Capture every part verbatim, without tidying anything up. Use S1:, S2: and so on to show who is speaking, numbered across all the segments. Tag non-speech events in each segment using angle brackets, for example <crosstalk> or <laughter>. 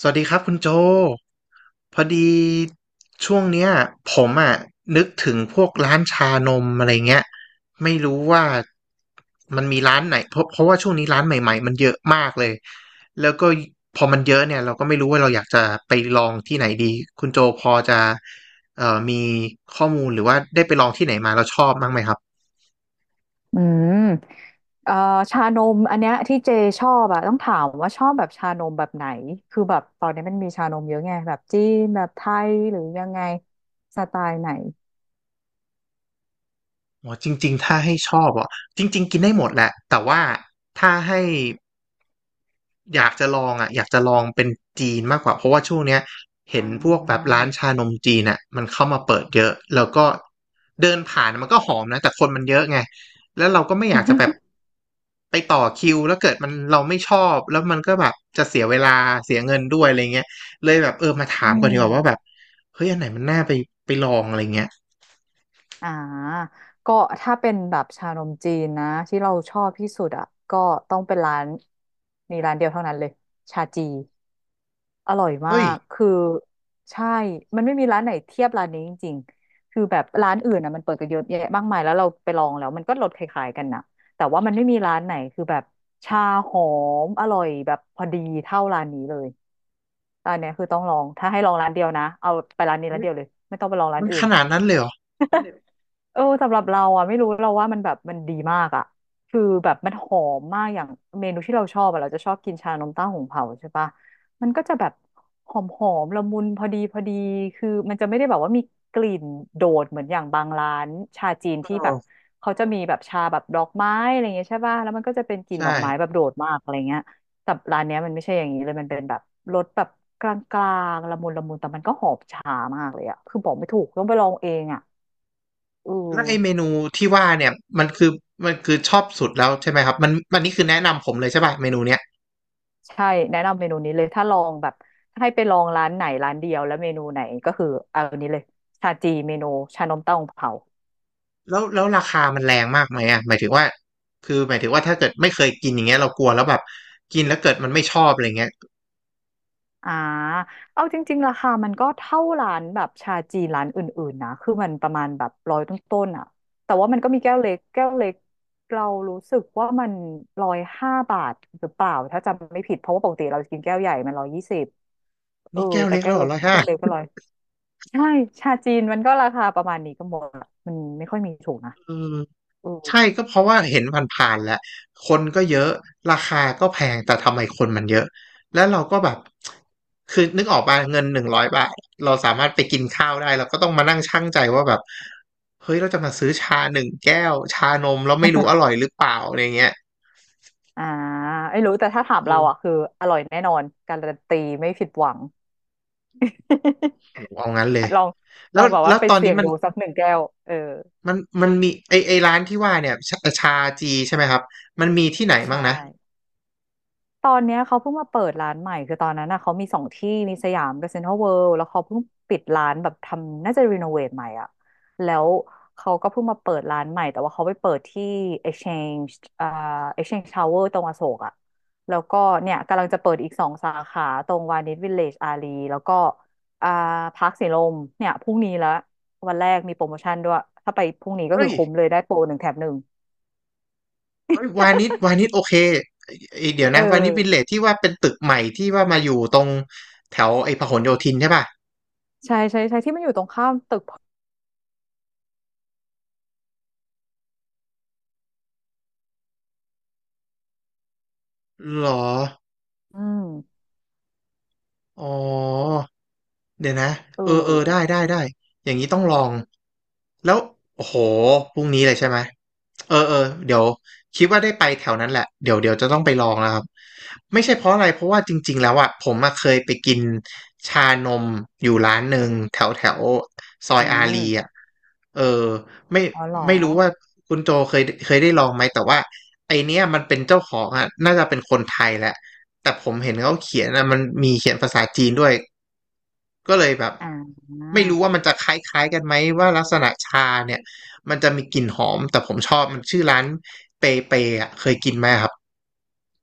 S1: สวัสดีครับคุณโจพอดีช่วงเนี้ยผมอ่ะนึกถึงพวกร้านชานมอะไรเงี้ยไม่รู้ว่ามันมีร้านไหนเพราะเพราะว่าช่วงนี้ร้านใหม่ๆมันเยอะมากเลยแล้วก็พอมันเยอะเนี่ยเราก็ไม่รู้ว่าเราอยากจะไปลองที่ไหนดีคุณโจพอจะเอ่อมีข้อมูลหรือว่าได้ไปลองที่ไหนมาแล้วชอบบ้างไหมครับ
S2: อืมเอ่อชานมอันเนี้ยที่เจชอบอะต้องถามว่าชอบแบบชานมแบบไหนคือแบบตอนนี้มันมีชานมเยอะไงแบบจีนแบบไทยหรือยังไงสไตล์ไหน
S1: อ๋อจริงๆถ้าให้ชอบอ่ะจริงๆกินได้หมดแหละแต่ว่าถ้าให้ อยากจะลองอ่ะอยากจะลองเป็นจีนมากกว่าเพราะว่าช่วงเนี้ยเห็
S2: อ่
S1: นพวกแบบ
S2: า
S1: ร้านชานมจีนอ่ะมันเข้ามาเปิดเยอะแล้วก็เดินผ่านมันก็หอมนะแต่คนมันเยอะไงแล้วเราก็ไม่อยากจะแบบ
S2: <laughs>
S1: ไปต่อคิวแล้วเกิดมันเราไม่ชอบแล้วมันก็แบบจะเสียเวลาเสียเงินด้วยอะไรเงี้ยเลยแบบเออมาถา
S2: อื
S1: มก่อนดี
S2: ม
S1: กว่าว่าแบบเฮ้ยอันไหนมันน่าไปไปลองอะไรเงี้ย
S2: อ่าก็ถ้าเป็นแบบชานมจีนนะที่เราชอบที่สุดอ่ะก็ต้องเป็นร้านมีร้านเดียวเท่านั้นเลยชาจี อร่อยมา
S1: เฮ้ย
S2: ก คือใช่ มันไม่มีร้านไหนเทียบร้านนี้จริงๆคือแบบร้านอื่นอ่ะมันเปิดกันเยอะแยะมากมายแล้วเราไปลองแล้วมันก็รสคล้ายๆกันนะแต่ว่ามันไม่มีร้านไหนคือแบบชาหอมอร่อยแบบพอดีเท่าร้านนี้เลยร้านเนี้ยคือต้องลองถ้าให้ลองร้านเดียวนะเอาไปร้านนี้ร้า
S1: เฮ้
S2: น
S1: ย
S2: เดียวเลยไม่ต้องไปลองร้า
S1: มั
S2: น
S1: น
S2: อื่
S1: ข
S2: น
S1: นาดนั้นเลยเหรอ
S2: <laughs> เออสำหรับเราอ่ะไม่รู้เราว่ามันแบบมันดีมากอ่ะคือแบบมันหอมมากอย่างเมนูที่เราชอบอ่ะเราจะชอบกินชานมเต้าหู้เผาใช่ปะมันก็จะแบบหอมหอมละมุนพอดีพอดีคือมันจะไม่ได้แบบว่ามีกลิ่นโดดเหมือนอย่างบางร้านชาจีนที่
S1: เออ
S2: แบบเขาจะมีแบบชาแบบดอกไม้อะไรเงี้ยใช่ปะแล้วมันก็จะเป็นกลิ่น
S1: ใช่
S2: ดอกไม้แบบโดดมากอะไรเงี้ยแต่ร้านเนี้ยมันไม่ใช่อย่างนี้เลยมันเป็นแบบรสแบบกลางๆละมุนละมุนแต่มันก็หอมชามากเลยอ่ะคือบอกไม่ถูกต้องไปลองเองอ่ะเออ
S1: แล้วไอเมนูที่ว่าเนี่ยมันคือมันคือชอบสุดแล้วใช่ไหมครับมันมันนี่คือแนะนำผมเลยใช่ป่ะเมนูเนี้ย
S2: ใช่แนะนำเมนูนี้เลยถ้าลองแบบถ้าให้ไปลองร้านไหนร้านเดียวแล้วเมนูไหนก็คือเอาอันนี้เลยชาจีเมนูชานมเต้าหู้เผา
S1: แล้วแล้วราคามันแรงมากไหมอ่ะหมายถึงว่าคือหมายถึงว่าถ้าเกิดไม่เคยกินอย่างเงี้ยเรากลัวแล้วแบบกินแล้วเกิดมันไม่ชอบอะไรเงี้ย
S2: อ่าเอาจริงๆราคามันก็เท่าร้านแบบชาจีนร้านอื่นๆนะคือมันประมาณแบบร้อยต้นๆอ่ะแต่ว่ามันก็มีแก้วเล็กแก้วเล็กเรารู้สึกว่ามันร้อยห้าบาทหรือเปล่าถ้าจำไม่ผิดเพราะว่าปกติเราจะกินแก้วใหญ่มันร้อยยี่สิบเออ
S1: นี่แก้ว
S2: แต่
S1: เล็ก
S2: แก้
S1: แล้
S2: ว
S1: วเห
S2: เล็ก
S1: ร้อยห้า
S2: แก้วเล็กก็ร้อยใช่ชาจีนมันก็ราคาประมาณนี้ก็หมดละมันไม่ค่อยมีถูกนะ อืม
S1: ใช่ก็เพราะว่าเห็นผ่านๆแหละคนก็เยอะราคาก็แพงแต่ทำไมคนมันเยอะแล้วเราก็แบบคือนึกออกป่ะเงินหนึ่งร้อยบาทเราสามารถไปกินข้าวได้เราก็ต้องมานั่งชั่งใจว่าแบบเฮ้ยเราจะมาซื้อชาหนึ่งแก้วชานมแล้วไม่รู้อร่อยหรือเปล่าอะไรเงี้ย
S2: อ่าไม่รู้ แต่ถ้าถาม
S1: เอ
S2: เราอ่ะ
S1: อ
S2: คืออร่อยแน่นอน การันตีไม่ผิดหวัง
S1: โหเอางั้นเลย
S2: <laughs> ลอง
S1: แล้
S2: ลอ
S1: ว
S2: งแบบ
S1: แล้
S2: ว่า
S1: ว
S2: ไป
S1: ตอน
S2: เสี่
S1: นี้
S2: ยง
S1: มัน
S2: ดูสักหนึ่งแก้ว เออ
S1: มันมันมีไอไอร้านที่ว่าเนี่ยชาชาจีใช่ไหมครับมันมีที่ไหนบ้า
S2: ใช่
S1: งนะ
S2: ตอนเนี้ยเขาเพิ่งมาเปิดร้านใหม่คือตอนนั้นน่ะเขามีสองที่มีสยามกับเซ็นทรัลเวิลด์แล้วเขาเพิ่งปิดร้านแบบทำน่าจะรีโนเวทใหม่อ่ะแล้วเขาก็เพิ่งมาเปิดร้านใหม่แต่ว่าเขาไปเปิดที่ Exchange อ่า Exchange Tower ตรงอโศกอ่ะแล้วก็เนี่ยกำลังจะเปิดอีกสองสาขาตรงวานิชวิลเลจอารีแล้วก็อ่าพาร์คสีลมเนี่ยพรุ่งนี้ละวันแรกมีโปรโมชั่นด้วยถ้าไปพรุ่งนี้ก็
S1: เฮ้
S2: คือ
S1: ย
S2: คุ้มเลยได้โปรหนึ่งแถมหนึ่ง
S1: เอ้ยวานิชวานิชโอเคเอ้ยเดี๋ยว
S2: เอ
S1: นะวานิชวิลเล
S2: อ
S1: จที่ว่าเป็นตึกใหม่ที่ว่ามาอยู่ตรงแถวไอ้พหลโยธินใช่ป่ะ
S2: ใช่ใช่ใช่ที่มันอยู่ตรงข้ามตึก
S1: หรอ
S2: อืม
S1: อ๋อ เดี๋ยวนะ
S2: เอ
S1: เออเออได้
S2: อ
S1: ได้ได้อย่างนี้ต้องลองแล้วโอ้โหพรุ่งนี้เลยใช่ไหมเออเออเดี๋ยวคิดว่าได้ไปแถวนั้นแหละเดี๋ยวเดี๋ยวจะต้องไปลองแล้วครับไม่ใช่เพราะอะไรเพราะว่าจริงๆแล้วอ่ะผมมาเคยไปกินชานมอยู่ร้านหนึ่งแถวแถวซอ
S2: อื
S1: ยอารีอ่ะ
S2: ม
S1: เออไม่
S2: อ๋อเหรอ
S1: ไม่รู้ว่าคุณโจเคยเคยได้ลองไหมแต่ว่าไอเนี้ยมันเป็นเจ้าของอ่ะน่าจะเป็นคนไทยแหละแต่ผมเห็นเขาเขียนนะมันมีเขียนภาษาจีนด้วย ก็เลยแบบ
S2: อ่า
S1: ไม่รู้ว่ามันจะคล้ายๆกันไหมว่าลักษณะชาเนี่ยมันจะมีกลิ่นหอมแต่ผมชอบมันชื่อร้านเปเปอ่ะเคยกินไหมครับ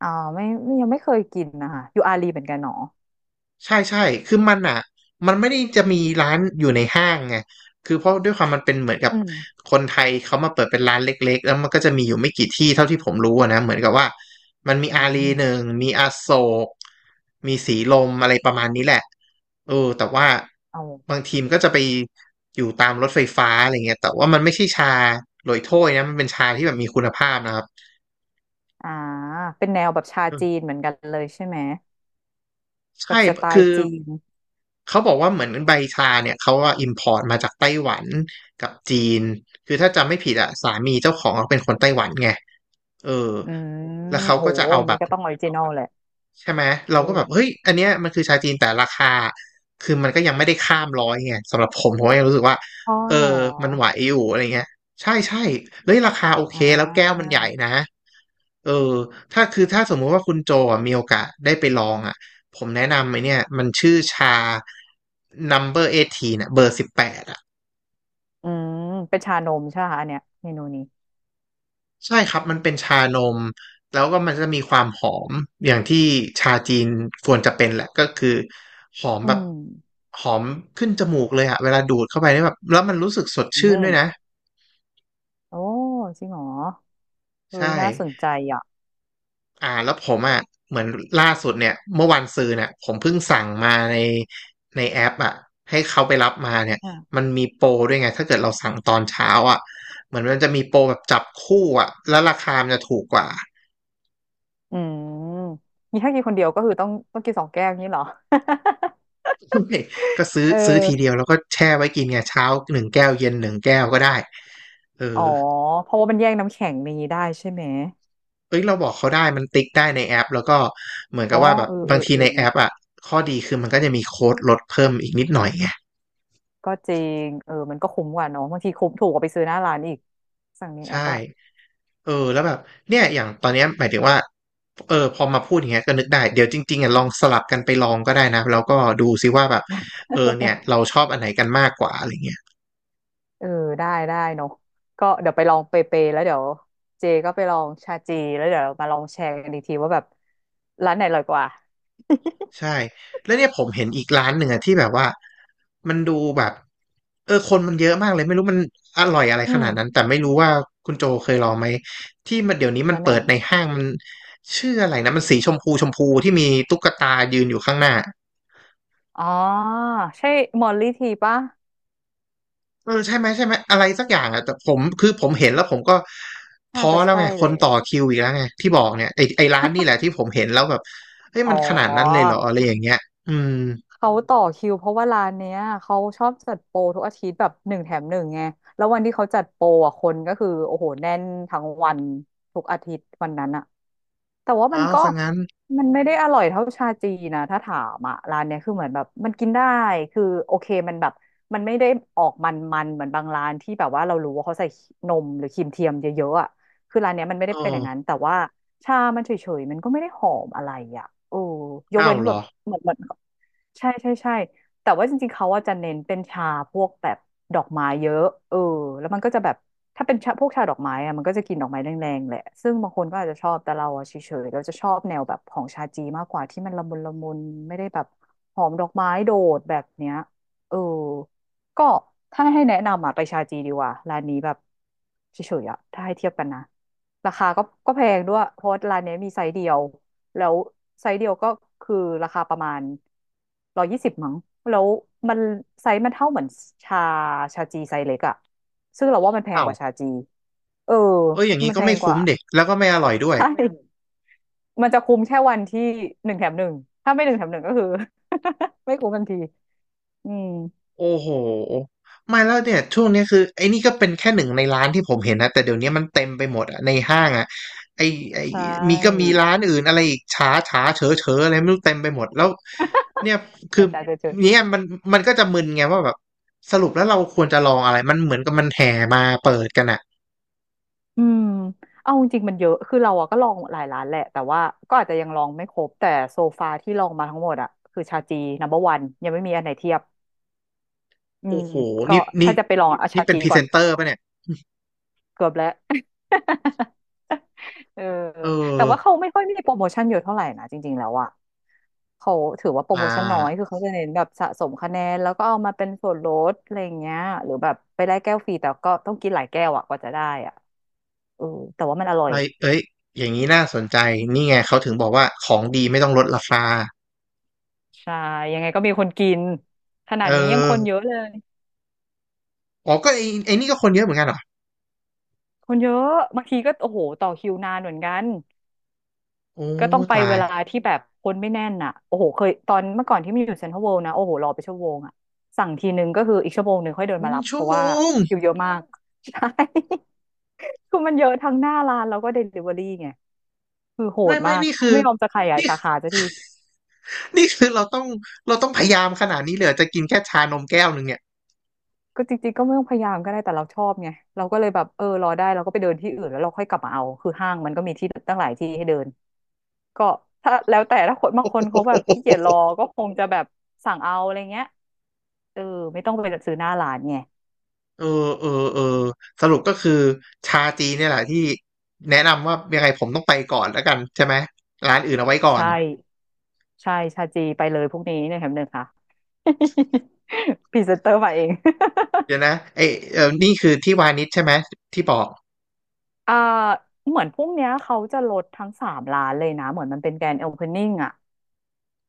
S2: อ๋อไม่ไม่ยังไม่เคยกินนะคะอยู่อาลีเหมือนกันเนาะ
S1: ใช่ใช่คือมันอ่ะมันไม่ได้จะมีร้านอยู่ในห้างไงคือเพราะด้วยความมันเป็นเหมือนกับ
S2: อืม
S1: คนไทยเขามาเปิดเป็นร้านเล็กๆ แล้วมันก็จะมีอยู่ไม่กี่ที่เท่าที่ผมรู้อะนะเหมือนกับว่ามันมี
S2: อื
S1: อารีหนึ่ง
S2: ม
S1: มีอโศกมีสีลมอะไรประมาณนี้แหละเออแต่ว่า
S2: เอา
S1: บางทีมนก็จะไปอยู่ตามรถไฟฟ้าอะไรเงี้ยแต่ว่ามันไม่ใช่ชาโรยโถ้ยนะมันเป็นชาที่แบบมีคุณภาพนะครับ
S2: อ่าเป็นแนวแบบชาจีนเหมือนกันเลยใช่ไหมแบ
S1: ใช่
S2: บสไต
S1: คื
S2: ล์
S1: อ
S2: จีน
S1: เขาบอกว่าเหมือนใบชาเนี่ยเขาว่าอิมพอร์ตมาจากไต้หวันกับจีน คือถ้าจำไม่ผิดอะสามีเจ้าของเขาเป็นคนไต้หวันไง เออ
S2: อื
S1: แล้ว
S2: ม
S1: เขา
S2: โห
S1: ก็จะเอา
S2: อย่าง
S1: แบ
S2: นี้
S1: บ
S2: ก็ต้องออริจินอลแหละ
S1: ใช่ไหมเรา
S2: เอ
S1: ก็แบ
S2: อ
S1: บเฮ้ยอันเนี้ยมันคือชาจีนแต่ราคาคือมันก็ยังไม่ได้ข้ามร้อยไงสำหรับผมผมก็ยังรู้สึกว่า
S2: อ๋อ
S1: เออ
S2: เหรอ
S1: มันไหวอยู่อะไรเงี้ยใช่ใช่เฮ้ยราคาโอเค
S2: อ่
S1: แล้วแก้วมัน
S2: า
S1: ใหญ่นะเออถ้าคือถ้าสมมุติว่าคุณโจอ่ะมีโอกาสได้ไปลองอ่ะผมแนะนำไอเนี่ยมันชื่อชา number วันเบอร์สิบแปดเน่ยเบอร์สิบแปด
S2: อืมเป็นชานมใช่ไหมคะอันเนี้ยเมนูนี้
S1: ใช่ครับมันเป็นชานมแล้วก็มันจะมีความหอมอย่างที่ชาจีนควรจะเป็นแหละก็คือหอม
S2: อื
S1: แบบ
S2: ม
S1: หอมขึ้นจมูกเลยอะเวลาดูดเข้าไปนี่แบบแล้วมันรู้สึกสด
S2: อื
S1: ชื่นด้
S2: ม
S1: วยนะ
S2: โอ้จริงเหรอเฮ้
S1: ใช่
S2: ยน่าสนใจอ่ะ
S1: อ่าแล้วผมอะเหมือนล่าสุดเนี่ยเมื่อวันซืนเนี่ยผมเพิ่งสั่งมาในในแอปอะให้เขาไปรับมาเนี่ยมันมีโปรด้วยไงถ้าเกิดเราสั่งตอนเช้าอะเหมือนมันจะมีโปรแบบจับคู่อะแล้วราคามันจะถูกกว่า
S2: อืมมีถ้ากินคนเดียวก็คือต้องต้องกินสองแก้วนี้เหรอ
S1: <laughs> ไม่ก็
S2: <laughs>
S1: ซื้อ
S2: เอ
S1: ซื้อ
S2: อ
S1: ทีเดียวแล้วก็แช่ไว้กินไงเช้าหนึ่งแก้วเย็นหนึ่งแก้วก็ได้เออ
S2: อ๋อเพราะว่ามันแย่งน้ำแข็งนี้ได้ใช่ไหม
S1: เอ้ยเราบอกเขาได้มันติ๊กได้ในแอปแล้วก็เหมือน
S2: อ๋
S1: กั
S2: อ
S1: บว่าแบบ
S2: เออเอ
S1: บา
S2: อ
S1: งที
S2: เออ
S1: ใน
S2: เน
S1: แอ
S2: อะ
S1: ปอ่ะข้อดีคือมันก็จะมีโค้ดลดเพิ่มอีกนิดหน่อยไง
S2: ก็จริงเออมันก็คุ้มกว่าเนอะบางทีคุ้มถูกกว่าไปซื้อหน้าร้านอีกสั่งในแอ
S1: ใช่
S2: ปอะ
S1: เออแล้วแบบเนี่ยอย่างตอนเนี้ยหมายถึงว่าเออพอมาพูดอย่างเงี้ยก็นึกได้เดี๋ยวจริงๆอ่ะลองสลับกันไปลองก็ได้นะแล้วก็ดูซิว่าแบบเออเนี่ยเราชอบอันไหนกันมากกว่าอะไรเงี้ย
S2: เออได้ได้เนอะก็เดี๋ยวไปลองเปเปแล้วเดี๋ยวเจก็ไปลองชาจีแล้วเดี๋ยวมาลองแชร์กันอีกทีว่าแบบร้านไหนอร่อยกว่า
S1: ใช่แล้วเนี่ยผมเห็นอีกร้านหนึ่งอะที่แบบว่ามันดูแบบเออคนมันเยอะมากเลยไม่รู้มันอร่อยอะไร
S2: <laughs> อื
S1: ขนาดนั้น
S2: ม
S1: แต่ไม่รู้ว่าคุณโจเคยลองไหมที่มันเดี๋ยวนี้มัน
S2: ร้านไหน
S1: เปิด
S2: ครั
S1: ใน
S2: บ
S1: ห้างมันชื่ออะไรนะมันสีชมพูชมพูที่มีตุ๊กตายืนอยู่ข้างหน้า
S2: อ๋อใช่มอลลี่ทีปะ
S1: เออใช่ไหมใช่ไหมอะไรสักอย่างอ่ะแต่ผมคือผมเห็นแล้วผมก็
S2: น่า
S1: ท้อ
S2: จะ
S1: แล้วไง
S2: ใช่
S1: ค
S2: เล
S1: น
S2: ย
S1: ต่อคิวอีกแล้วไงที่บอกเนี่ยไอไอร้านนี่แหละที่ผมเห็นแล้วแบบเฮ้ย
S2: อ๋อ
S1: มันขนาดนั้นเลยเหรออะไรอย่างเงี้ยอืม
S2: เขาต่อคิวเพราะว่าร้านเนี้ยเขาชอบจัดโปรทุกอาทิตย์แบบหนึ่งแถมหนึ่งไงแล้ววันที่เขาจัดโปรอ่ะคนก็คือโอ้โหแน่นทั้งวันทุกอาทิตย์วันนั้นอะแต่ว่ามัน
S1: อ้าว
S2: ก็
S1: ซะงั้น
S2: มันไม่ได้อร่อยเท่าชาจีนะถ้าถามอะร้านเนี้ยคือเหมือนแบบมันกินได้คือโอเคมันแบบมันไม่ได้ออกมันมันเหมือนบางร้านที่แบบว่าเรารู้ว่าเขาใส่นมหรือครีมเทียมเยอะๆอะคือร้านเนี้ยมันไม่
S1: โอ
S2: ได้เป็นอย่างนั้น
S1: ้
S2: แต่ว่าชามันเฉยๆมันก็ไม่ได้หอมอะไรอะโอ้ยก
S1: เอ้า
S2: เว้
S1: ว
S2: น
S1: เหร
S2: แบ
S1: อ
S2: บเหมือนเหมือน ใช่ใช่ใช่แต่ว่าจริงๆเขาว่าจะเน้นเป็นชาพวกแบบดอกไม้เยอะเออแล้วมันก็จะแบบถ้าเป็นชาพวกชาดอกไม้อะมันก็จะกินดอกไม้แรงๆแหละซึ่งบางคนก็อาจจะชอบแต่เราอะเฉยๆเราจะชอบแนวแบบของชาจีมากกว่าที่มันละมุนละมุนไม่ได้แบบหอมดอกไม้โดดแบบเนี้ยเออก็ถ้าให้แนะนำอะไปชาจีดีกว่าร้านนี้แบบเฉยๆอะถ้าให้เทียบกันนะราคาก็ก็แพงด้วยเพราะว่าร้านเนี้ยมีไซส์เดียว แล้วไซส์เดียวก็คือราคาประมาณร้อยยี่สิบมั้งแล้วมันไซส์มันเท่าเหมือนชาชาจีไซส์เล็กอะซึ่งเราว่ามันแพง
S1: เอ้า
S2: ก
S1: ว
S2: ว่าชาจีเออ
S1: เอออย่างนี้
S2: มัน
S1: ก็
S2: แพ
S1: ไม่
S2: งก
S1: คุ้
S2: ว่า
S1: มเด็กแล้วก็ไม่อร่อยด้วย
S2: ใช่มมันจะคุ้มแค่วันที่หนึ่งแถมหนึ่งถ้าไม่หนึ่งแถมหนึ่งก็คือ <laughs> ไม่คุ้มทันทีอืม
S1: โอ้โหไม่แล้วเนี่ยช่วงเนี้ยคือไอ้นี่ก็เป็นแค่หนึ่งในร้านที่ผมเห็นนะแต่เดี๋ยวนี้มันเต็มไปหมดอะในห้างอะไอ้ไอ้
S2: ใช
S1: มีก็มี
S2: ่
S1: ร้านอื่นอะไรอีกฉาฉาเฉอเฉออะไรไม่รู้เต็มไปหมดแล้วเนี่ยคื
S2: แต่
S1: อ
S2: จ่ายเจอ
S1: เนี่ยมันมันก็จะมึนไงว่าแบบสรุปแล้วเราควรจะลองอะไรมันเหมือนกับมันแห่มาเปิดกันอะ
S2: ๆอืมเอาจริงๆมันเยอะคือเราอะก็ลองหลายร้านแหละแต่ว่าก็อาจจะยังลองไม่ครบ แต่โซฟาที่ลองมาทั้งหมดอะคือชาจีนัมเบอร์วันยังไม่มีอันไหนเทียบ อื
S1: โอ้
S2: ม
S1: โห
S2: ก็
S1: นี่นี่
S2: ถ้าจะไปลองเอา
S1: นี่
S2: ชา
S1: เป็น
S2: จี
S1: พรี
S2: ก่
S1: เซ
S2: อน
S1: นเตอร์ป่ะเนี่ย
S2: เกือบแล้ว <laughs> เออ
S1: เออ
S2: แต่ว่าเขาไม่ค่อยมีโปรโมชั่นเยอะเท่าไหร่นะจริงๆแล้วอ่ะเขาถือว่าโปร
S1: อ่
S2: โมชั่นน้อย
S1: า
S2: คือเขาจะเน้นแบบสะสมคะแนนแล้วก็เอามาเป็นส่วนลดอะไรอย่างเงี้ยหรือแบบไปได้แก้วฟรีแต่ก็ต้องกินหลายแก้วอ่ะกว่าจะได้อ่ะเออแต่ว่ามันอร่อ
S1: ไป
S2: ย
S1: เอ้ยอย่างนี้น่าสนใจ นี่ไงเขาถึงบอกว่าของดีไม่ต้องลดราคา
S2: ใช่ยังไงก็มีคนกินขนา
S1: เอ
S2: ดนี้ยังค
S1: อ
S2: นเยอะเลย
S1: อ๋อก็ไอ้ไอ้นี่ก็คนเยอะเหมือนกันเหรอ
S2: คนเยอะบางทีก็โอ้โหต่อคิวนานเหมือนกัน
S1: โอ้
S2: ก็ต้องไป
S1: ตา
S2: เว
S1: ย
S2: ลาที่แบบคนไม่แน่นอ่ะโอ้โหเคยตอนเมื่อก่อนที่มีอยู่เซ็นทรัลเวิลด์นะโอ้โหรอไปชั่วโมงอ่ะสั่งทีนึงก็คืออีกชั่วโมงหนึ่งค่อยเดิน
S1: เป็
S2: มา
S1: น
S2: รับเพ
S1: ชั่ว
S2: ราะ
S1: โม
S2: ว่า
S1: ง
S2: คิวเยอะมาก <laughs> ใช่ <laughs> คือมันเยอะทั้งหน้าร้านแล้วก็เดลิเวอรี่ไงคือโห
S1: ไม่
S2: ด
S1: ไม่
S2: มาก
S1: นี่คือ
S2: ไม่ยอมจะขยาย
S1: นี่
S2: สาขาสักที
S1: นี่คือเราต้องเราต้องพยายามขนาดนี้เลยเหรอจะกินแค่ชานมแก้วหนึ่งเนี่ย
S2: ก็จริงๆก็ไม่ต้องพยายามก็ได้แต่เราชอบไงเราก็เลยแบบเออรอได้เราก็ไปเดินที่อื่นแล้วเราค่อยกลับมาเอาคือห้างมันก็มีที่ตั้งหลายที่ให้เดินก็ถ้าแล้วแต่ถ้าคนบางคนเขาแบบขี้เกียจรอก็คงจะแบบสั่งเอาอะไรเงี้ยเออไม่ต้องไปซื้อหน้าร้านไง
S1: เออเออเออสรุปก็คือชาจีนเนี่ยแหละที่แนะนำว่ายังไงผมต้องไปก่อนแล้วกันใช่ไหมร้านอื่นเอาไว้ก่อน
S2: ใช่ใช่ชาจีไปเลยพวกนี้เนี่ยแถมหนึ่งค่ะ <laughs> พรีเซนเตอร์มาเอง
S1: เดี๋ยวนะเอยเออนี่คือที่วานิชใช่ไหมที่บอก
S2: <laughs> อ่าเหมือนพวกเนี้ยเขาจะลดทั้งสามร้านเลยนะเหมือนมันเป็นแกรนด์โอเพนนิ่งอะ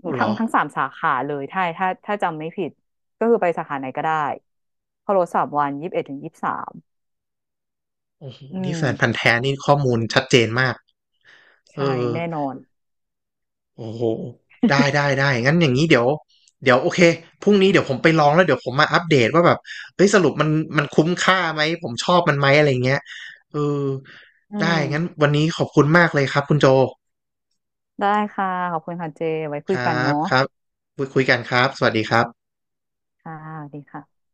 S1: โอ้เหร
S2: ทั้
S1: อ
S2: งทั้งสามสาขาเลยถ้าถ้าถ้าจำไม่ผิดก็คือไปสาขาไหนก็ได้เขาลดสามวันยี่สิบเอ็ดถึงยี่สิบสาม
S1: โอ้โห
S2: อื
S1: นี่
S2: ม
S1: แฟนพันธุ์แท้นี่ข้อมูลชัดเจนมากเออ
S2: ใช่แน่นอน
S1: โอ้โหได้ได้ได้งั้นอย่างนี้เดี๋ยวเดี๋ยวโอเคพรุ่งนี้เดี๋ยวผมไปลองแล้วเดี๋ยวผมมาอัปเดตว่าแบบเฮ้ยสรุปมันมันคุ้มค่าไหมผมชอบมันไหมอะไรเงี้ยเออ
S2: อื
S1: ได้งั้น
S2: ม
S1: วันนี้ขอบคุณมากเลยครับคุณโจ
S2: ได้ค่ะขอบคุณค่ะเจไว้คุ
S1: ค
S2: ยกั
S1: รั
S2: น
S1: บ
S2: เนาะ
S1: ครับคุยคุยกันครับสวัสดีครับ
S2: ค่ะสวัสดีค่ะ